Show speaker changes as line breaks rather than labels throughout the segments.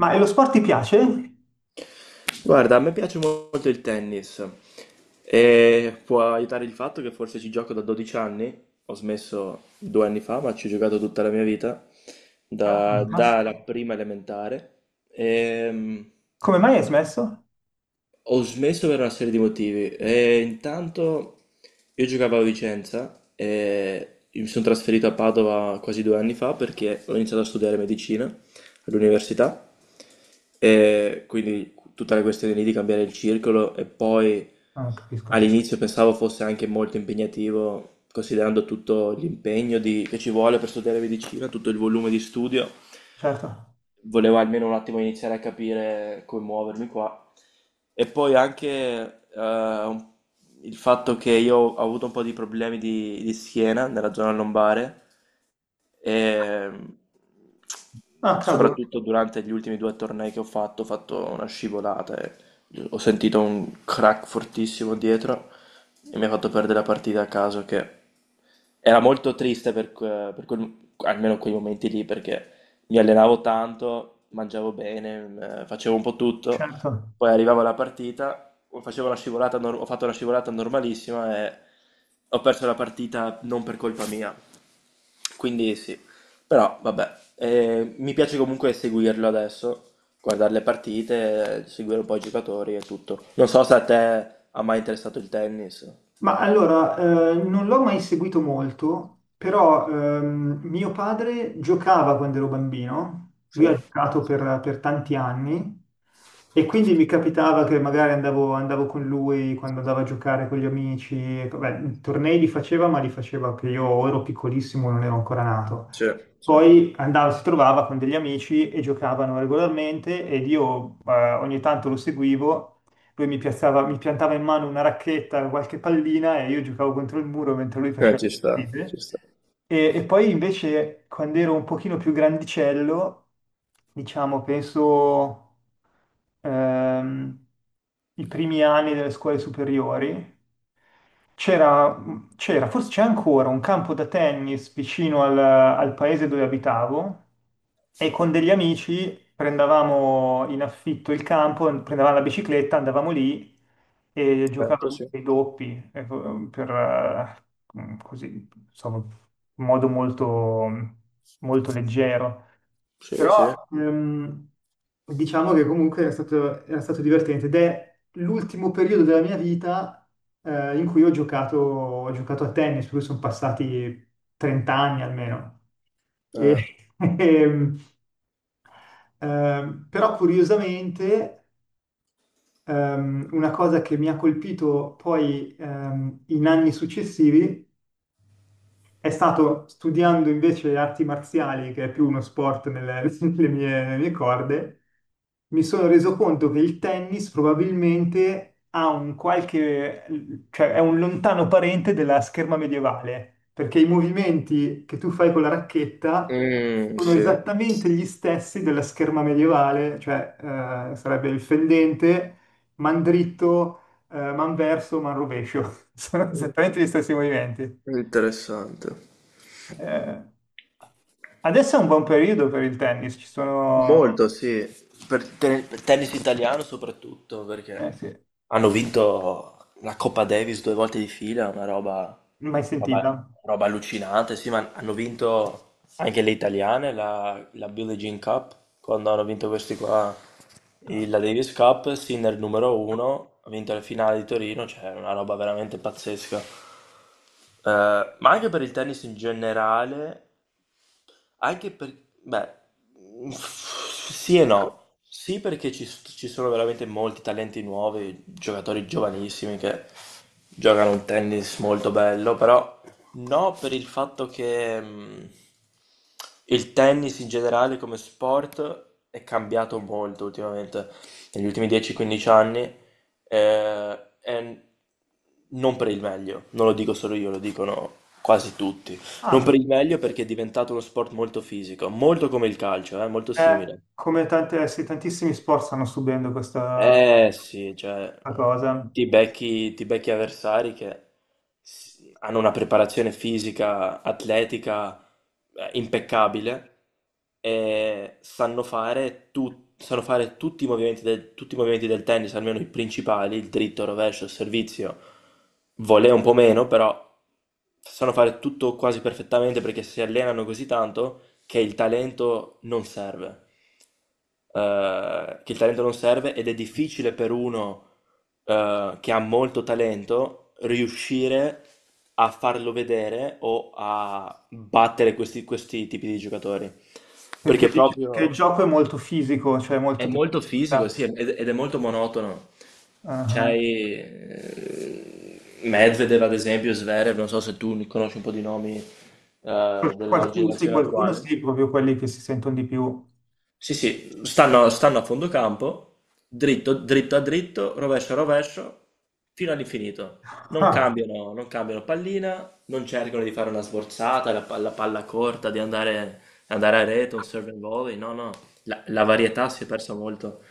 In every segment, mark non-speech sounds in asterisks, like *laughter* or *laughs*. Ma e lo sport ti piace?
Guarda, a me piace molto il tennis e può aiutare il fatto che forse ci gioco da 12 anni, ho smesso due anni fa, ma ci ho giocato tutta la mia vita,
Ah, fantastico.
dalla prima elementare. Ehm,
Come mai hai smesso?
Ho smesso per una serie di motivi. E intanto io giocavo a Vicenza e io mi sono trasferito a Padova quasi due anni fa perché ho iniziato a studiare medicina all'università, e quindi tutta la questione lì di cambiare il circolo e poi
Ah, non capisco.
all'inizio pensavo fosse anche molto impegnativo considerando tutto che ci vuole per studiare medicina, tutto il volume di studio.
Certo.
Volevo almeno un attimo iniziare a capire come muovermi qua. E poi anche eh, il fatto che io ho avuto un po' di problemi di schiena nella zona lombare e,
Ah, cavolo,
soprattutto durante gli ultimi due tornei che ho fatto una scivolata e ho sentito un crack fortissimo dietro e mi ha fatto perdere la partita a caso, che era molto triste per, almeno quei momenti lì, perché mi allenavo tanto, mangiavo bene, facevo un po' tutto,
certo.
poi arrivavo alla partita, ho- facevo una scivolata nor- ho fatto una scivolata normalissima e ho perso la partita non per colpa mia. Quindi sì, però vabbè, mi piace comunque seguirlo adesso, guardare le partite, seguire un po' i giocatori e tutto. Non so se a te ha mai interessato il tennis.
Ma allora, non l'ho mai seguito molto, però mio padre giocava quando ero bambino,
Sì?
lui ha giocato per tanti anni e quindi mi capitava che magari andavo con lui quando andavo a giocare con gli amici, e, vabbè, i tornei li faceva, ma li faceva che io o ero piccolissimo, o non ero ancora nato.
Sì, sì.
Poi andava, si trovava con degli amici e giocavano regolarmente ed io ogni tanto lo seguivo. Mi piantava in mano una racchetta, qualche pallina e io giocavo contro il muro mentre lui faceva
Ci
le
sta, ci
partite.
sta.
E poi invece quando ero un pochino più grandicello, diciamo, penso ehm, i primi anni delle scuole superiori, c'era, c'era, forse c'è ancora un campo da tennis vicino al paese dove abitavo e con degli amici prendevamo in affitto il campo, prendevamo la bicicletta, andavamo lì e
Certo,
giocavamo
sì.
ai doppi per, così, insomma, in modo molto leggero.
Sì, sì.
Però diciamo che comunque era era stato divertente ed è l'ultimo periodo della mia vita in cui ho ho giocato a tennis, per cui sono passati 30 anni almeno. E-
Ah,
*laughs* ehm, però curiosamente una cosa che mi ha colpito poi in anni successivi è stato studiando invece arti marziali, che è più uno sport *laughs* nelle mie corde, mi sono reso conto che il tennis probabilmente ha un cioè è un lontano parente della scherma medievale, perché i movimenti che tu fai con la racchetta
mm,
sono
sì.
esattamente gli stessi della scherma medievale, cioè sarebbe il fendente, man dritto, man rovescio. *laughs* Sono
Mm,
esattamente gli stessi movimenti.
interessante.
Eh, adesso è un buon periodo per il tennis, ci sono...
Molto, sì. Per tennis italiano soprattutto,
Eh
perché
sì,
hanno vinto la Coppa Davis due volte di fila, una roba,
mai
roba-
sentita?
roba allucinante. Sì, ma hanno vinto anche le italiane, la Billie Jean Cup, quando hanno vinto questi qua, la Davis Cup, Sinner numero uno, ha vinto la finale di Torino, cioè una roba veramente pazzesca. Ma anche per il tennis in generale, anche per... Beh, *laughs* mm, sì e no. Sì, perché ci sono veramente molti talenti nuovi, giocatori giovanissimi che giocano un tennis molto bello, però no per il fatto che il tennis in generale come sport è cambiato molto ultimamente, negli ultimi 10-15 anni, e non per il meglio, non lo dico solo io, lo dicono quasi tutti. Non per
Ah,
il meglio perché è diventato uno sport molto fisico, molto come il calcio, molto simile.
come tante, sì, tantissimi sport stanno subendo
Eh sì, cioè
questa cosa,
ti becchi avversari che hanno una preparazione fisica, atletica, impeccabile, e sanno fare, sanno fare tutti i movimenti del, tutti i movimenti del tennis, almeno i principali, il dritto, il rovescio, il servizio. Volè un po' meno, però sanno fare tutto quasi perfettamente perché si allenano così tanto che il talento non serve, che il talento non serve, ed è difficile per uno che ha molto talento riuscire a farlo vedere o a battere questi tipi di giocatori. Perché
perché il
proprio
gioco è molto fisico, cioè
è
molto di
molto fisico, sì,
potenza.
ed ed è molto monotono.
Ah,
C'hai Medvedev, ad esempio, Zverev, non so se tu conosci un po' di nomi della
sì,
generazione
qualcuno
attuale.
sì, proprio quelli che si sentono di più.
Sì, sì, stanno a fondo campo, dritto, dritto a dritto, rovescio a rovescio, fino all'infinito. Non
Ah,
cambiano, non cambiano pallina, non cercano di fare una sforzata, la palla corta, di andare, andare a rete, un serve and volley, no, no, la varietà si è persa molto.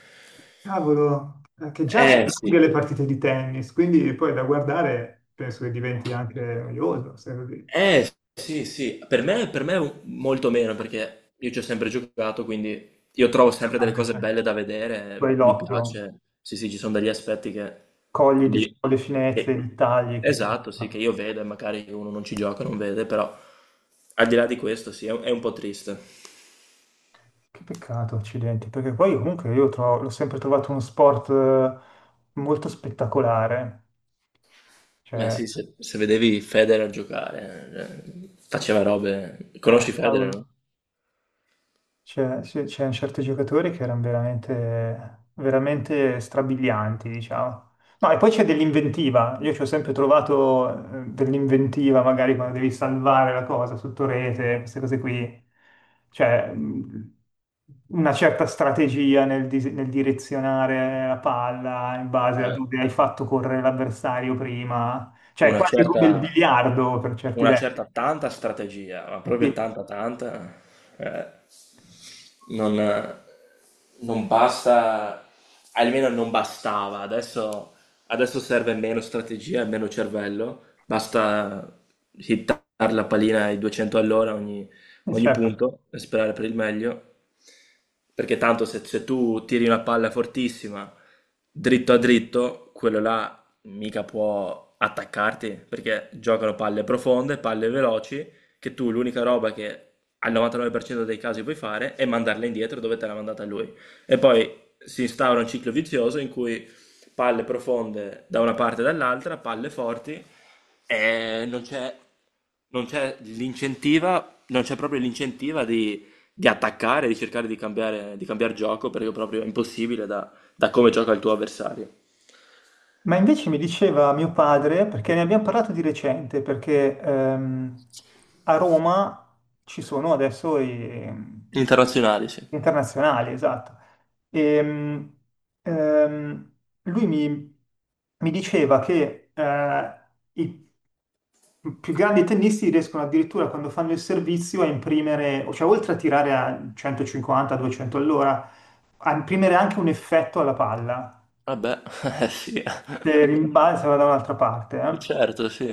cavolo, che già
Eh
sono lunghe
sì,
le partite di tennis, quindi poi da guardare penso che diventi anche noioso, se così.
eh, sì, sì, per me molto meno perché io ci ho sempre giocato, quindi io trovo sempre
Ah,
delle
beh,
cose
cioè,
belle da
tu hai
vedere, mi
l'occhio,
piace, sì, sì, ci sono degli aspetti che
cogli,
lì,
diciamo, le finezze,
che-
i tagli, queste cose
esatto, sì, che
qua.
io vedo e magari uno non ci gioca, non vede, però al di là di questo, sì, è un po' triste.
Che peccato, accidenti, perché poi comunque io l'ho sempre trovato uno sport molto spettacolare.
Ma
Cioè,
sì, se, se vedevi Federer giocare, faceva robe, conosci Federer, no?
cavolo, sì, c'erano certi giocatori che erano veramente strabilianti, diciamo. No, e poi c'è dell'inventiva. Io ci ho sempre trovato dell'inventiva, magari quando devi salvare la cosa sotto rete, queste cose qui. Cioè, una certa strategia nel direzionare la palla in base a
Eh,
dove hai fatto correre l'avversario prima. Cioè, è
una
quasi come il
certa...
biliardo per certi
Una
versi.
certa tanta strategia, ma proprio tanta tanta, eh, non non basta, almeno non bastava. Adesso adesso serve meno strategia e meno cervello, basta hittare la pallina ai 200 all'ora ogni
Sì,
ogni
certo.
punto e sperare per il meglio. Perché tanto se, se tu tiri una palla fortissima dritto a dritto, quello là mica può attaccarti, perché giocano palle profonde, palle veloci, che tu l'unica roba che al 99% dei casi puoi fare è mandarla indietro dove te l'ha mandata lui. E poi si instaura un ciclo vizioso in cui palle profonde da una parte e dall'altra, palle forti, e non c'è non c'è l'incentiva, non c'è proprio l'incentiva di attaccare, di cercare di cambiare gioco perché proprio è impossibile da, da come gioca il tuo avversario.
Ma invece mi diceva mio padre, perché ne abbiamo parlato di recente, perché a Roma ci sono adesso i
Internazionali, sì.
gli internazionali, esatto. Ehm, ehm, lui mi, mi diceva che i più grandi tennisti riescono addirittura quando fanno il servizio a imprimere, cioè oltre a tirare a 150-200 all'ora, a imprimere anche un effetto alla palla
Vabbè, *laughs* sì,
che rimbalza da un'altra parte. Eh.
certo, sì.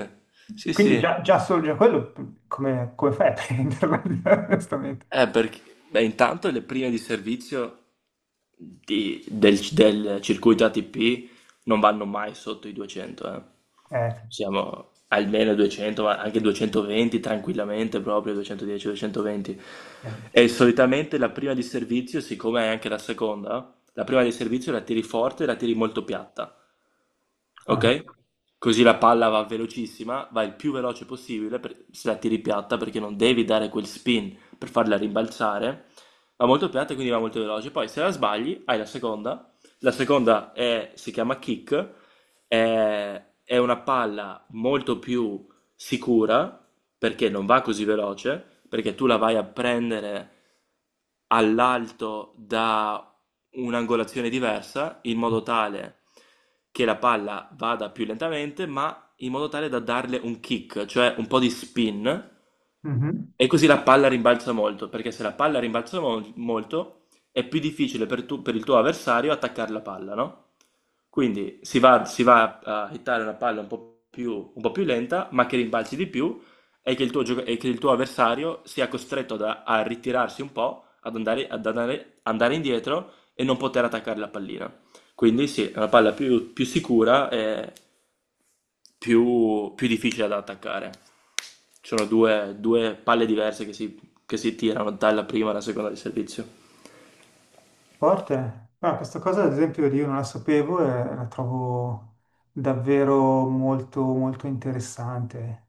Sì,
Quindi
sì.
già quello, come fai a prenderla, *laughs* onestamente?
Perché, beh, intanto le prime di servizio del circuito ATP non vanno mai sotto i 200, eh.
Eh,
Siamo almeno 200, ma anche 220 tranquillamente, proprio 210, 220.
eh.
E solitamente la prima di servizio, siccome è anche la seconda, la prima di servizio la tiri forte e la tiri molto piatta.
Ah,
Ok? Così la palla va velocissima, va il più veloce se la tiri piatta perché non devi dare quel spin per farla rimbalzare. Va molto piatta e quindi va molto veloce. Poi se la sbagli hai la seconda. La si chiama kick, è una palla molto più sicura, perché non va così veloce, perché tu la vai a prendere all'alto da un'angolazione diversa, in modo tale che la palla vada più lentamente, ma in modo tale da darle un kick, cioè un po' di spin,
mhm.
e così la palla rimbalza molto, perché se la palla rimbalza molto, è più difficile per, per il tuo avversario attaccare la palla, no? Quindi si va a hittare una palla un po' più lenta, ma che rimbalzi di più e che e che il tuo avversario sia costretto a ritirarsi un po', ad andare, andare indietro e non poter attaccare la pallina. Quindi sì, è una palla più, più sicura e più, più difficile da attaccare. Ci sono due, due palle diverse che si tirano dalla prima alla seconda di servizio.
Forte. Ah, questa cosa, ad esempio, io non la sapevo e la trovo davvero molto interessante.